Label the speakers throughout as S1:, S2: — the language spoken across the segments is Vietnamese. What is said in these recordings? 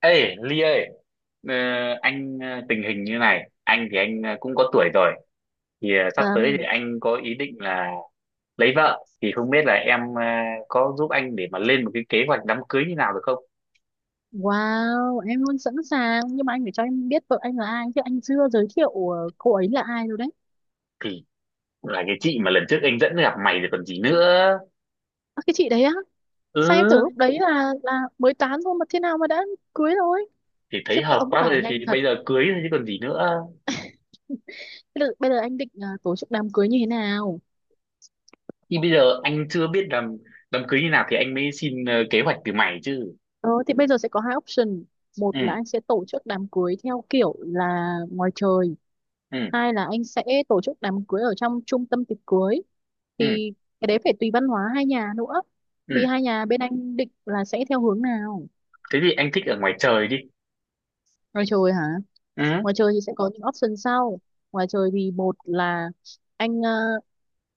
S1: Ê, Ly ơi, ờ, anh tình hình như này, anh thì anh cũng có tuổi rồi, thì sắp tới thì
S2: Vâng.
S1: anh có ý định là lấy vợ, thì không biết là em có giúp anh để mà lên một cái kế hoạch đám cưới như nào được không?
S2: Wow, em luôn sẵn sàng. Nhưng mà anh phải cho em biết vợ anh là ai. Chứ anh chưa giới thiệu cô ấy là ai rồi đấy.
S1: Thì là cái chị mà lần trước anh dẫn gặp mày rồi còn gì nữa.
S2: À, cái chị đấy á.
S1: Ừ,
S2: Sao em tưởng lúc đấy là mới tán thôi mà thế nào mà đã cưới rồi.
S1: thì
S2: Khiếp
S1: thấy
S2: các
S1: hợp
S2: ông các
S1: quá
S2: bà
S1: rồi thì
S2: nhanh thật.
S1: bây giờ cưới thôi chứ còn gì nữa.
S2: Bây giờ, anh định tổ chức đám cưới như thế nào?
S1: Thì bây giờ anh chưa biết làm đám cưới như nào thì anh mới xin kế hoạch từ mày chứ.
S2: Ờ, thì bây giờ sẽ có hai option.
S1: Ừ,
S2: Một là anh sẽ tổ chức đám cưới theo kiểu là ngoài trời.
S1: ừ,
S2: Hai là anh sẽ tổ chức đám cưới ở trong trung tâm tiệc cưới,
S1: ừ,
S2: thì cái đấy phải tùy văn hóa hai nhà nữa.
S1: ừ,
S2: Thì hai nhà bên anh định là sẽ theo hướng nào?
S1: thế thì anh thích ở ngoài trời đi.
S2: Ngoài trời hả?
S1: Ừ,
S2: Ngoài trời thì sẽ có những option sau. Ngoài trời thì một là anh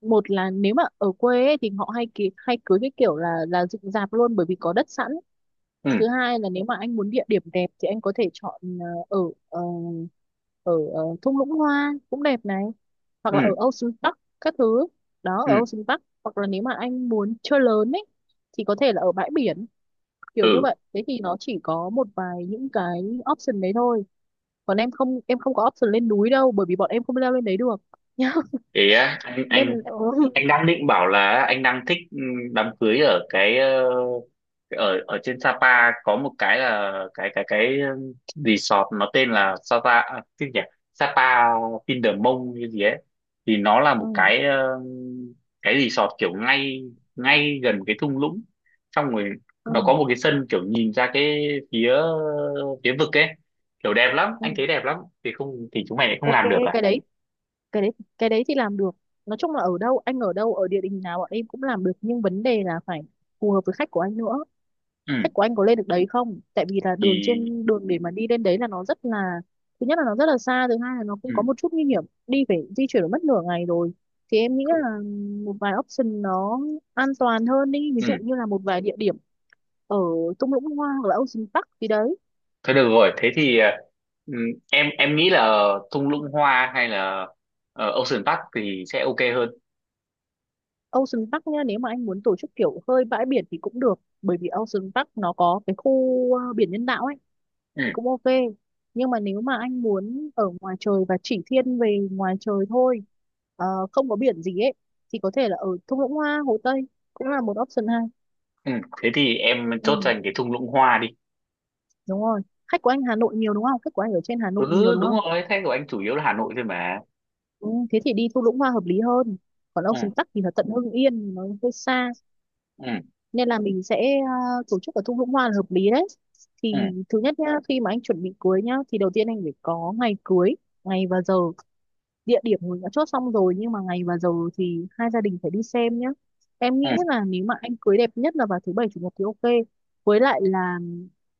S2: một là nếu mà ở quê ấy, thì họ hay cưới cái kiểu là dựng rạp luôn, bởi vì có đất sẵn.
S1: ừ.
S2: Thứ hai là nếu mà anh muốn địa điểm đẹp thì anh có thể chọn ờ, ở ờ, ở thung lũng hoa cũng đẹp này, hoặc là ở
S1: Ừ.
S2: Ocean Park các thứ, đó
S1: Ừ,
S2: ở Ocean Park, hoặc là nếu mà anh muốn chơi lớn ấy thì có thể là ở bãi biển, kiểu như
S1: ừ,
S2: vậy. Thế thì nó chỉ có một vài những cái option đấy thôi. Còn em không, em không có option lên núi đâu, bởi vì bọn em không leo lên đấy được nhá.
S1: thế á? anh anh
S2: Ừ.
S1: anh đang định bảo là anh đang thích đám cưới ở cái ở ở trên Sapa có một cái là cái resort nó tên là Sapa à, cái gì nhỉ, Sapa Vindermong như gì ấy, thì nó là một
S2: Ừ.
S1: cái cái resort kiểu ngay ngay gần cái thung lũng, xong rồi nó có
S2: Ừ.
S1: một cái sân kiểu nhìn ra cái phía phía vực ấy, kiểu đẹp lắm,
S2: Ừ.
S1: anh thấy đẹp lắm. Thì không thì chúng mày lại không
S2: Ok,
S1: làm được à?
S2: cái đấy, cái đấy cái đấy thì làm được. Nói chung là ở đâu, anh ở địa đình nào bọn em cũng làm được, nhưng vấn đề là phải phù hợp với khách của anh nữa.
S1: Ừ,
S2: Khách của anh có lên được đấy không, tại vì là đường
S1: thì
S2: trên đường để mà đi lên đấy là nó rất là, thứ nhất là nó rất là xa, thứ hai là nó cũng có
S1: ừ
S2: một chút nguy hiểm đi, phải di chuyển mất nửa ngày rồi. Thì em nghĩ
S1: cũng-
S2: là một vài option nó an toàn hơn đi, ví dụ
S1: ừ,
S2: như là một vài địa điểm ở thung lũng hoa hoặc là Ocean Park gì đấy.
S1: thôi được rồi, thế thì ừ, em nghĩ là thung lũng hoa hay là Ocean Park thì sẽ ok hơn.
S2: Ocean Park nha, nếu mà anh muốn tổ chức kiểu hơi bãi biển thì cũng được, bởi vì Ocean Park nó có cái khu biển nhân tạo ấy,
S1: Ừ,
S2: thì cũng ok. Nhưng mà nếu mà anh muốn ở ngoài trời và chỉ thiên về ngoài trời thôi, ờ, không có biển gì ấy, thì có thể là ở thung lũng hoa Hồ Tây cũng là một option hay.
S1: ừ, thế thì em chốt
S2: Ừ,
S1: dành cái thung lũng hoa đi.
S2: đúng rồi, khách của anh Hà Nội nhiều đúng không, khách của anh ở trên Hà Nội nhiều
S1: Ừ,
S2: đúng
S1: đúng
S2: không.
S1: rồi, thế của anh chủ yếu là Hà Nội thôi mà.
S2: Ừ, thế thì đi thung lũng hoa hợp lý hơn, còn
S1: Ừ.
S2: Ocean Park thì là tận Hưng Yên nó hơi xa.
S1: Ừ.
S2: Nên là mình sẽ à, tổ chức ở thung lũng hoa là hợp lý đấy.
S1: Ừ.
S2: Thì thứ nhất nhá, khi mà anh chuẩn bị cưới nhá, thì đầu tiên anh phải có ngày cưới, ngày và giờ. Địa điểm mình đã chốt xong rồi, nhưng mà ngày và giờ thì hai gia đình phải đi xem nhá. Em
S1: Ừ.
S2: nghĩ là nếu mà anh cưới đẹp nhất là vào thứ bảy chủ nhật thì ok. Với lại là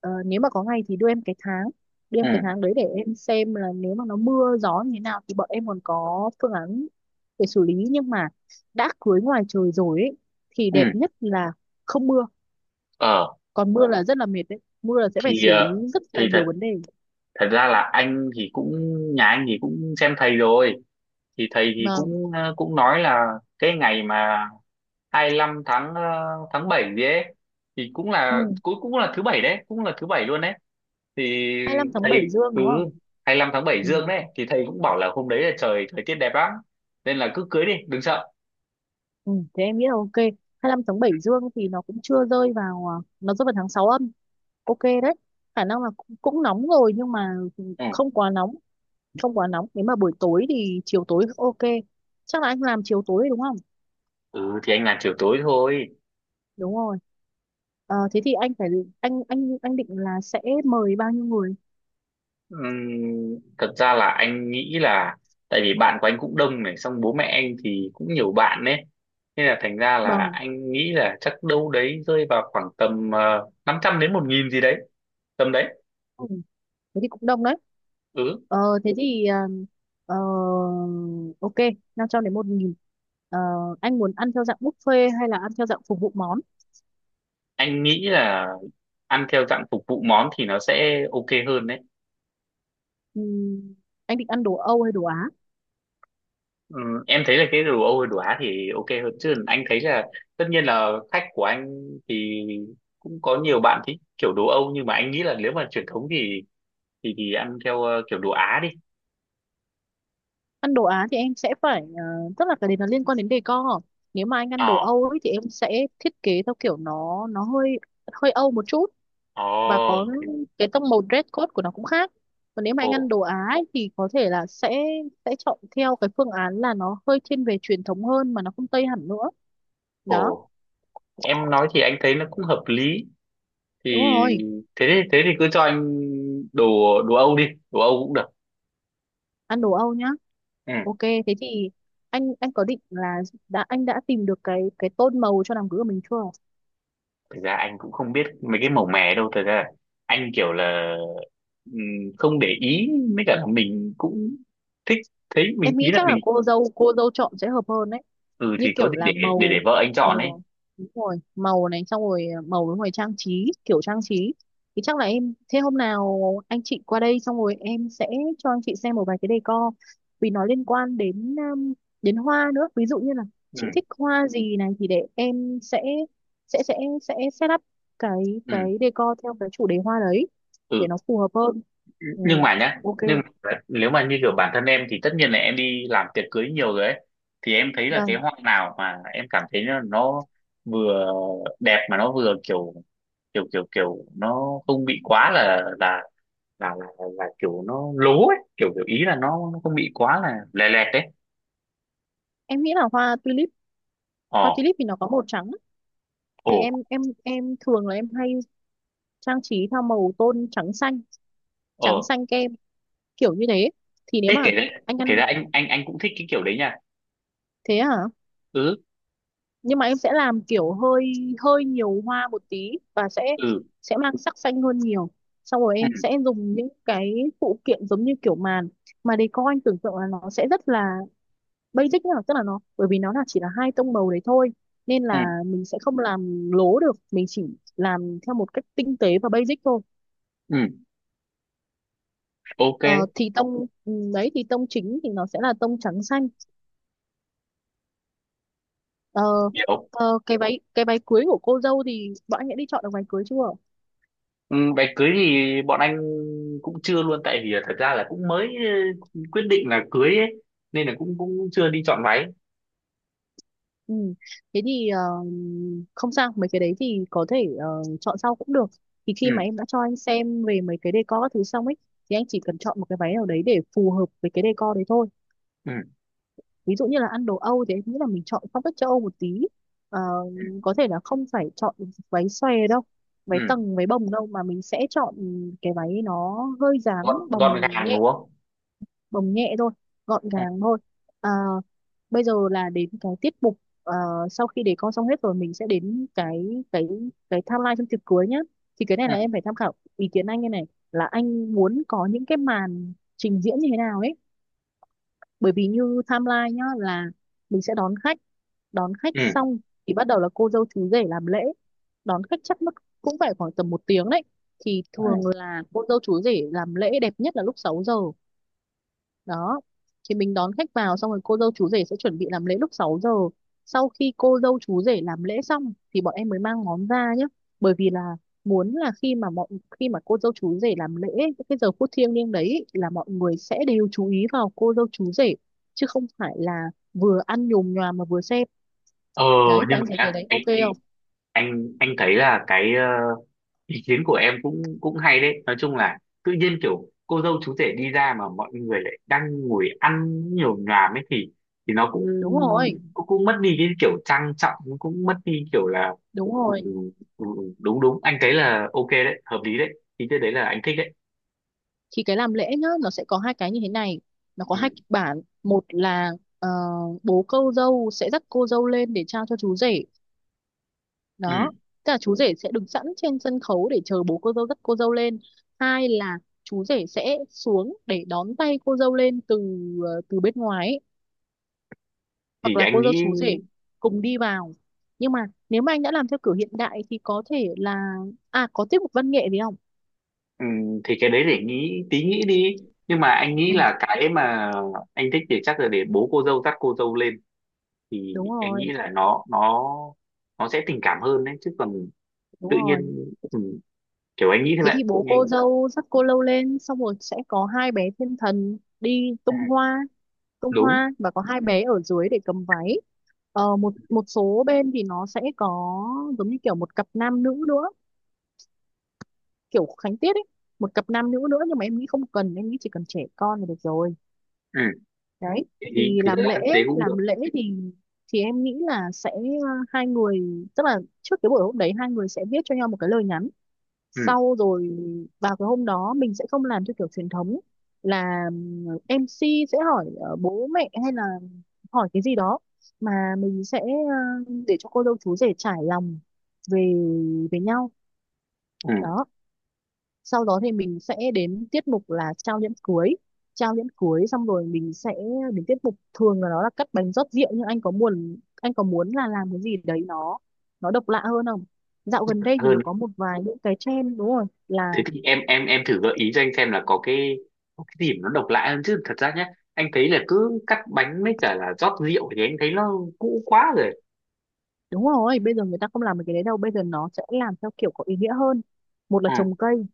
S2: nếu mà có ngày thì đưa em cái tháng, đưa em cái
S1: Ừ.
S2: tháng đấy để em xem là nếu mà nó mưa gió như thế nào thì bọn em còn có phương án để xử lý. Nhưng mà đã cưới ngoài trời rồi ấy, thì
S1: Ừ.
S2: đẹp nhất là không mưa.
S1: ờ
S2: Còn mưa là rất là mệt đấy, mưa là sẽ phải
S1: thì
S2: xử
S1: ờ,
S2: lý rất là
S1: thì thật
S2: nhiều vấn đề
S1: thật ra là anh thì cũng, nhà anh thì cũng xem thầy rồi, thì thầy thì
S2: mà.
S1: cũng nói là cái ngày mà 25 tháng 7 gì ấy, thì cũng
S2: Ừ.
S1: là cũng cũng là thứ bảy đấy, cũng là thứ bảy luôn đấy. Thì
S2: 25 tháng 7
S1: thầy
S2: Dương
S1: Ừ,
S2: đúng không?
S1: 25 tháng 7
S2: Ừ.
S1: dương đấy thì thầy cũng bảo là hôm đấy là trời thời tiết đẹp lắm, nên là cứ cưới đi đừng sợ.
S2: Ừ, thế em nghĩ là ok. 25 tháng 7 Dương thì nó cũng chưa rơi vào, nó rơi vào tháng 6 âm, ok đấy. Khả năng là cũng nóng rồi nhưng mà
S1: Ừ,
S2: không quá nóng, không quá nóng, nếu mà buổi tối thì chiều tối ok. Chắc là anh làm chiều tối đúng không.
S1: ừ, thì anh làm chiều tối thôi.
S2: Đúng rồi. Ờ, thế thì anh phải, anh định là sẽ mời bao nhiêu người?
S1: Thật ra là anh nghĩ là, tại vì bạn của anh cũng đông này, xong bố mẹ anh thì cũng nhiều bạn đấy, nên là thành ra là
S2: Vâng.
S1: anh nghĩ là chắc đâu đấy rơi vào khoảng tầm 500 đến 1.000 gì đấy, tầm đấy.
S2: Thế thì cũng đông đấy.
S1: Ừ,
S2: Ờ, thế thì ờ, ờ, Ok, 500 đến 1.000. ờ, anh muốn ăn theo dạng buffet hay là ăn theo dạng phục vụ món?
S1: anh nghĩ là ăn theo dạng phục vụ món thì nó sẽ ok hơn đấy.
S2: Ừm, anh định ăn đồ Âu hay đồ Á?
S1: Ừ, em thấy là cái đồ Âu hay đồ Á thì ok hơn chứ, anh thấy là tất nhiên là khách của anh thì cũng có nhiều bạn thích kiểu đồ Âu, nhưng mà anh nghĩ là nếu mà truyền thống thì ăn theo kiểu đồ Á đi.
S2: Ăn đồ Á thì em sẽ phải, tức là cái đấy nó liên quan đến decor. Nếu mà anh ăn
S1: ờ
S2: đồ Âu ấy, thì em sẽ thiết kế theo kiểu nó hơi, hơi Âu một chút, và có
S1: Ồ.
S2: cái tông màu dress code của nó cũng khác. Còn nếu mà
S1: Ồ.
S2: anh ăn đồ Á ấy, thì có thể là sẽ chọn theo cái phương án là nó hơi thiên về truyền thống hơn mà nó không Tây hẳn nữa. Đó.
S1: Ồ. Em nói thì anh thấy nó cũng hợp lý. Thì
S2: Đúng rồi,
S1: thế thì cứ cho anh đồ đồ Âu đi, đồ Âu cũng được.
S2: ăn đồ Âu nhá.
S1: Ừ,
S2: Ok, thế thì anh có định là, đã anh đã tìm được cái tông màu cho đám cưới của mình chưa?
S1: thực ra anh cũng không biết mấy cái màu mè đâu, thực ra anh kiểu là ừm, không để ý, mới cả là mình cũng thích, thấy mình
S2: Em nghĩ
S1: ý là
S2: chắc là
S1: mình.
S2: cô dâu chọn sẽ hợp hơn đấy,
S1: Ừ,
S2: như
S1: thì có
S2: kiểu
S1: gì để
S2: là
S1: để để
S2: màu.
S1: vợ anh chọn ấy.
S2: Màu, đúng rồi, màu này xong rồi màu với rồi trang trí, kiểu trang trí. Thì chắc là em, thế hôm nào anh chị qua đây xong rồi em sẽ cho anh chị xem một vài cái decor, vì nó liên quan đến đến hoa nữa. Ví dụ như là chị
S1: Ừ.
S2: thích hoa gì này, thì để em sẽ sẽ sẽ set up cái
S1: Ừ.
S2: decor theo cái chủ đề hoa đấy
S1: Ừ.
S2: để nó phù hợp hơn. Ừ.
S1: nhưng mà nhá nhưng
S2: Ok.
S1: mà nếu mà như kiểu bản thân em thì tất nhiên là em đi làm tiệc cưới nhiều rồi ấy, thì em thấy là cái
S2: Vâng,
S1: hoa nào mà em cảm thấy nó vừa đẹp mà nó vừa kiểu kiểu kiểu kiểu nó không bị quá là kiểu nó lố ấy, kiểu kiểu ý là nó không bị quá là lè lẹt đấy.
S2: em nghĩ là hoa tulip. Hoa
S1: ờ
S2: tulip thì nó có màu trắng,
S1: Ồ.
S2: thì em thường là em hay trang trí theo màu tôn trắng xanh, trắng
S1: ờ
S2: xanh kem, kiểu như thế. Thì nếu
S1: Thế kể
S2: mà
S1: ra
S2: anh
S1: kể
S2: ăn,
S1: ra anh cũng thích cái kiểu đấy nha.
S2: thế hả.
S1: Ừ.
S2: Nhưng mà em sẽ làm kiểu hơi, hơi nhiều hoa một tí, và sẽ
S1: Ừ.
S2: sẽ mang sắc xanh hơn nhiều. Xong rồi
S1: Ừ.
S2: em sẽ dùng những cái phụ kiện giống như kiểu màn, mà decor anh tưởng tượng là nó sẽ rất là basic nhá, tức là nó, bởi vì nó là chỉ là hai tông màu đấy thôi, nên là
S1: Ừ,
S2: mình sẽ không làm lố được, mình chỉ làm theo một cách tinh tế và basic thôi.
S1: ừ.
S2: Ờ,
S1: Ok,
S2: thì đấy thì tông chính thì nó sẽ là tông trắng xanh. Ờ,
S1: hiểu.
S2: cái váy, cái váy cưới của cô dâu thì bọn anh đã đi chọn được váy cưới chưa?
S1: Ừ, đám cưới thì bọn anh cũng chưa luôn, tại vì là thật ra là cũng mới quyết định là cưới ấy, nên là cũng cũng chưa đi chọn váy.
S2: Ừ. Thế thì không sao, mấy cái đấy thì có thể chọn sau cũng được. Thì
S1: Ừ.
S2: khi mà em đã cho anh xem về mấy cái decor các thứ xong ấy, thì anh chỉ cần chọn một cái váy nào đấy để phù hợp với cái decor đấy thôi.
S1: Ừ.
S2: Ví dụ như là ăn đồ Âu thì em nghĩ là mình chọn phong cách châu Âu một tí. Ờ,
S1: Ừ.
S2: có thể là không phải chọn váy xòe đâu,
S1: Ừ.
S2: váy tầng, váy bồng đâu, mà mình sẽ chọn cái váy nó hơi
S1: gọn
S2: dáng
S1: gọn
S2: bồng
S1: gàng
S2: nhẹ,
S1: đúng không?
S2: bồng nhẹ thôi, gọn
S1: Ừ.
S2: gàng thôi. À, bây giờ là đến cái tiết mục, ờ, sau khi để con xong hết rồi mình sẽ đến cái timeline trong tiệc cưới nhá. Thì cái này
S1: Ừ.
S2: là em phải tham khảo ý kiến anh, như này là anh muốn có những cái màn trình diễn như thế nào ấy. Bởi vì như timeline nhá, là mình sẽ đón khách, đón khách
S1: Ừ.
S2: xong thì bắt đầu là cô dâu chú rể làm lễ. Đón khách chắc mất cũng phải khoảng tầm một tiếng đấy. Thì thường
S1: Ừ.
S2: là cô dâu chú rể làm lễ đẹp nhất là lúc 6 giờ. Đó, thì mình đón khách vào, xong rồi cô dâu chú rể sẽ chuẩn bị làm lễ lúc 6 giờ. Sau khi cô dâu chú rể làm lễ xong thì bọn em mới mang món ra nhé, bởi vì là muốn là khi mà mọi, khi mà cô dâu chú rể làm lễ ấy, cái giờ phút thiêng liêng đấy ấy, là mọi người sẽ đều chú ý vào cô dâu chú rể chứ không phải là vừa ăn nhồm nhoàm mà vừa xem.
S1: ờ
S2: Đấy, thì
S1: nhưng
S2: anh
S1: mà
S2: thấy cái
S1: nhá,
S2: đấy
S1: anh
S2: ok
S1: anh
S2: không?
S1: anh anh thấy là cái ý kiến của em cũng cũng hay đấy, nói chung là tự nhiên kiểu cô dâu chú rể đi ra mà mọi người lại đang ngồi ăn nhiều nhòm ấy, thì nó cũng
S2: Đúng rồi.
S1: cũng, cũng mất đi cái kiểu trang trọng, nó cũng mất đi kiểu là,
S2: Đúng
S1: ừ, ừ,
S2: rồi.
S1: ừ, ừ, đúng đúng, anh thấy là ok đấy, hợp lý đấy, ý cái đấy là anh thích đấy.
S2: Thì cái làm lễ nhá, nó sẽ có hai cái như thế này, nó có
S1: Ừ.
S2: hai kịch bản. Một là ờ, bố cô dâu sẽ dắt cô dâu lên để trao cho chú rể. Đó,
S1: Ừ.
S2: tức là chú rể sẽ đứng sẵn trên sân khấu để chờ bố cô dâu dắt cô dâu lên. Hai là chú rể sẽ xuống để đón tay cô dâu lên từ, từ bên ngoài ấy,
S1: Thì
S2: hoặc là
S1: anh
S2: cô dâu
S1: nghĩ
S2: chú rể cùng đi vào. Nhưng mà nếu mà anh đã làm theo kiểu hiện đại thì có thể là, à có tiết mục văn nghệ gì không?
S1: ừ, thì cái đấy để nghĩ tí, nghĩ đi, nhưng mà anh nghĩ
S2: Ừ.
S1: là cái mà anh thích thì chắc là để bố cô dâu dắt cô dâu lên, thì
S2: Đúng
S1: em nghĩ
S2: rồi.
S1: là nó sẽ tình cảm hơn đấy, chứ còn
S2: Đúng
S1: tự nhiên
S2: rồi.
S1: ừ, kiểu anh nghĩ thế,
S2: Thế thì
S1: vậy
S2: bố
S1: nhanh.
S2: cô dâu dắt cô lâu lên, xong rồi sẽ có hai bé thiên thần đi
S1: À,
S2: tung hoa, tung
S1: đúng.
S2: hoa, và có hai bé ở dưới để cầm váy. Một một số bên thì nó sẽ có giống như kiểu một cặp nam nữ nữa, kiểu khánh tiết ấy, một cặp nam nữ nữa, nhưng mà em nghĩ không cần, em nghĩ chỉ cần trẻ con là được rồi.
S1: Ừ.
S2: Đấy.
S1: thì
S2: Thì
S1: thật
S2: làm
S1: ra
S2: lễ,
S1: thế cũng được.
S2: làm lễ thì, em nghĩ là sẽ hai người, tức là trước cái buổi hôm đấy hai người sẽ viết cho nhau một cái lời nhắn.
S1: Ừ.
S2: Sau rồi vào cái hôm đó mình sẽ không làm theo kiểu truyền thống là MC sẽ hỏi bố mẹ hay là hỏi cái gì đó, mà mình sẽ để cho cô dâu chú rể trải lòng về, về nhau.
S1: Ừ.
S2: Đó. Sau đó thì mình sẽ đến tiết mục là trao nhẫn cưới. Trao nhẫn cưới xong rồi mình sẽ đến tiết mục, thường là nó là cắt bánh rót rượu, nhưng anh có muốn, anh có muốn là làm cái gì đấy nó độc lạ hơn không? Dạo gần đây thì nó
S1: Hơn.
S2: có một vài những cái trend đúng rồi là,
S1: Thế thì em thử gợi ý cho anh xem là có cái điểm nó độc lạ hơn chứ, thật ra nhé, anh thấy là cứ cắt bánh với cả là rót rượu thì anh thấy nó cũ quá rồi.
S2: đúng rồi, bây giờ người ta không làm được cái đấy đâu, bây giờ nó sẽ làm theo kiểu có ý nghĩa hơn. Một là
S1: Ừ.
S2: trồng cây,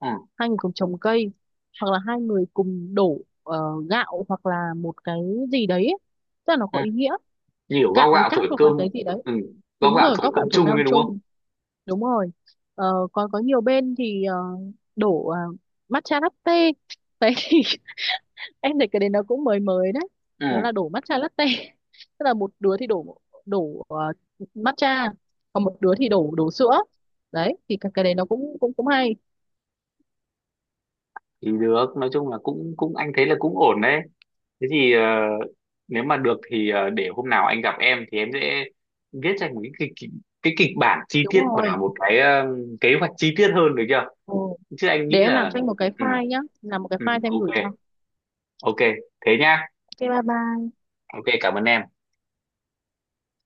S1: Ừ.
S2: hai người cùng trồng cây, hoặc là hai người cùng đổ gạo hoặc là một cái gì đấy. Tức là nó
S1: Ừ.
S2: có ý nghĩa,
S1: Như kiểu gao
S2: gạo với
S1: gạo
S2: cát
S1: thổi
S2: hoặc là
S1: cơm.
S2: cái gì đấy.
S1: Ừ, gao
S2: Đúng
S1: gạo
S2: rồi,
S1: thổi
S2: góp
S1: cơm
S2: gạo thổ
S1: chung
S2: cao
S1: ấy đúng không?
S2: chung, đúng rồi. Ờ, còn có nhiều bên thì đổ matcha latte. Đấy, em thấy cái đấy nó cũng mới mới đấy,
S1: Ừ,
S2: nó là đổ matcha latte. Tức là một đứa thì đổ, đổ ờ, matcha, còn một đứa thì đổ, sữa. Đấy thì cái đấy nó cũng cũng cũng hay.
S1: thì được, nói chung là cũng cũng anh thấy là cũng ổn đấy. Thế thì nếu mà được thì để hôm nào anh gặp em thì em sẽ viết ra một cái kịch bản chi
S2: Đúng
S1: tiết và
S2: rồi.
S1: một cái kế hoạch chi tiết hơn được chưa?
S2: Ừ,
S1: Chứ anh
S2: để
S1: nghĩ
S2: em làm
S1: là.
S2: cho anh một cái
S1: Ừ,
S2: file nhá, làm một cái
S1: ừ,
S2: file cho em gửi
S1: ok,
S2: cho.
S1: ok, thế nhá,
S2: Ok bye bye.
S1: ok, cảm ơn em.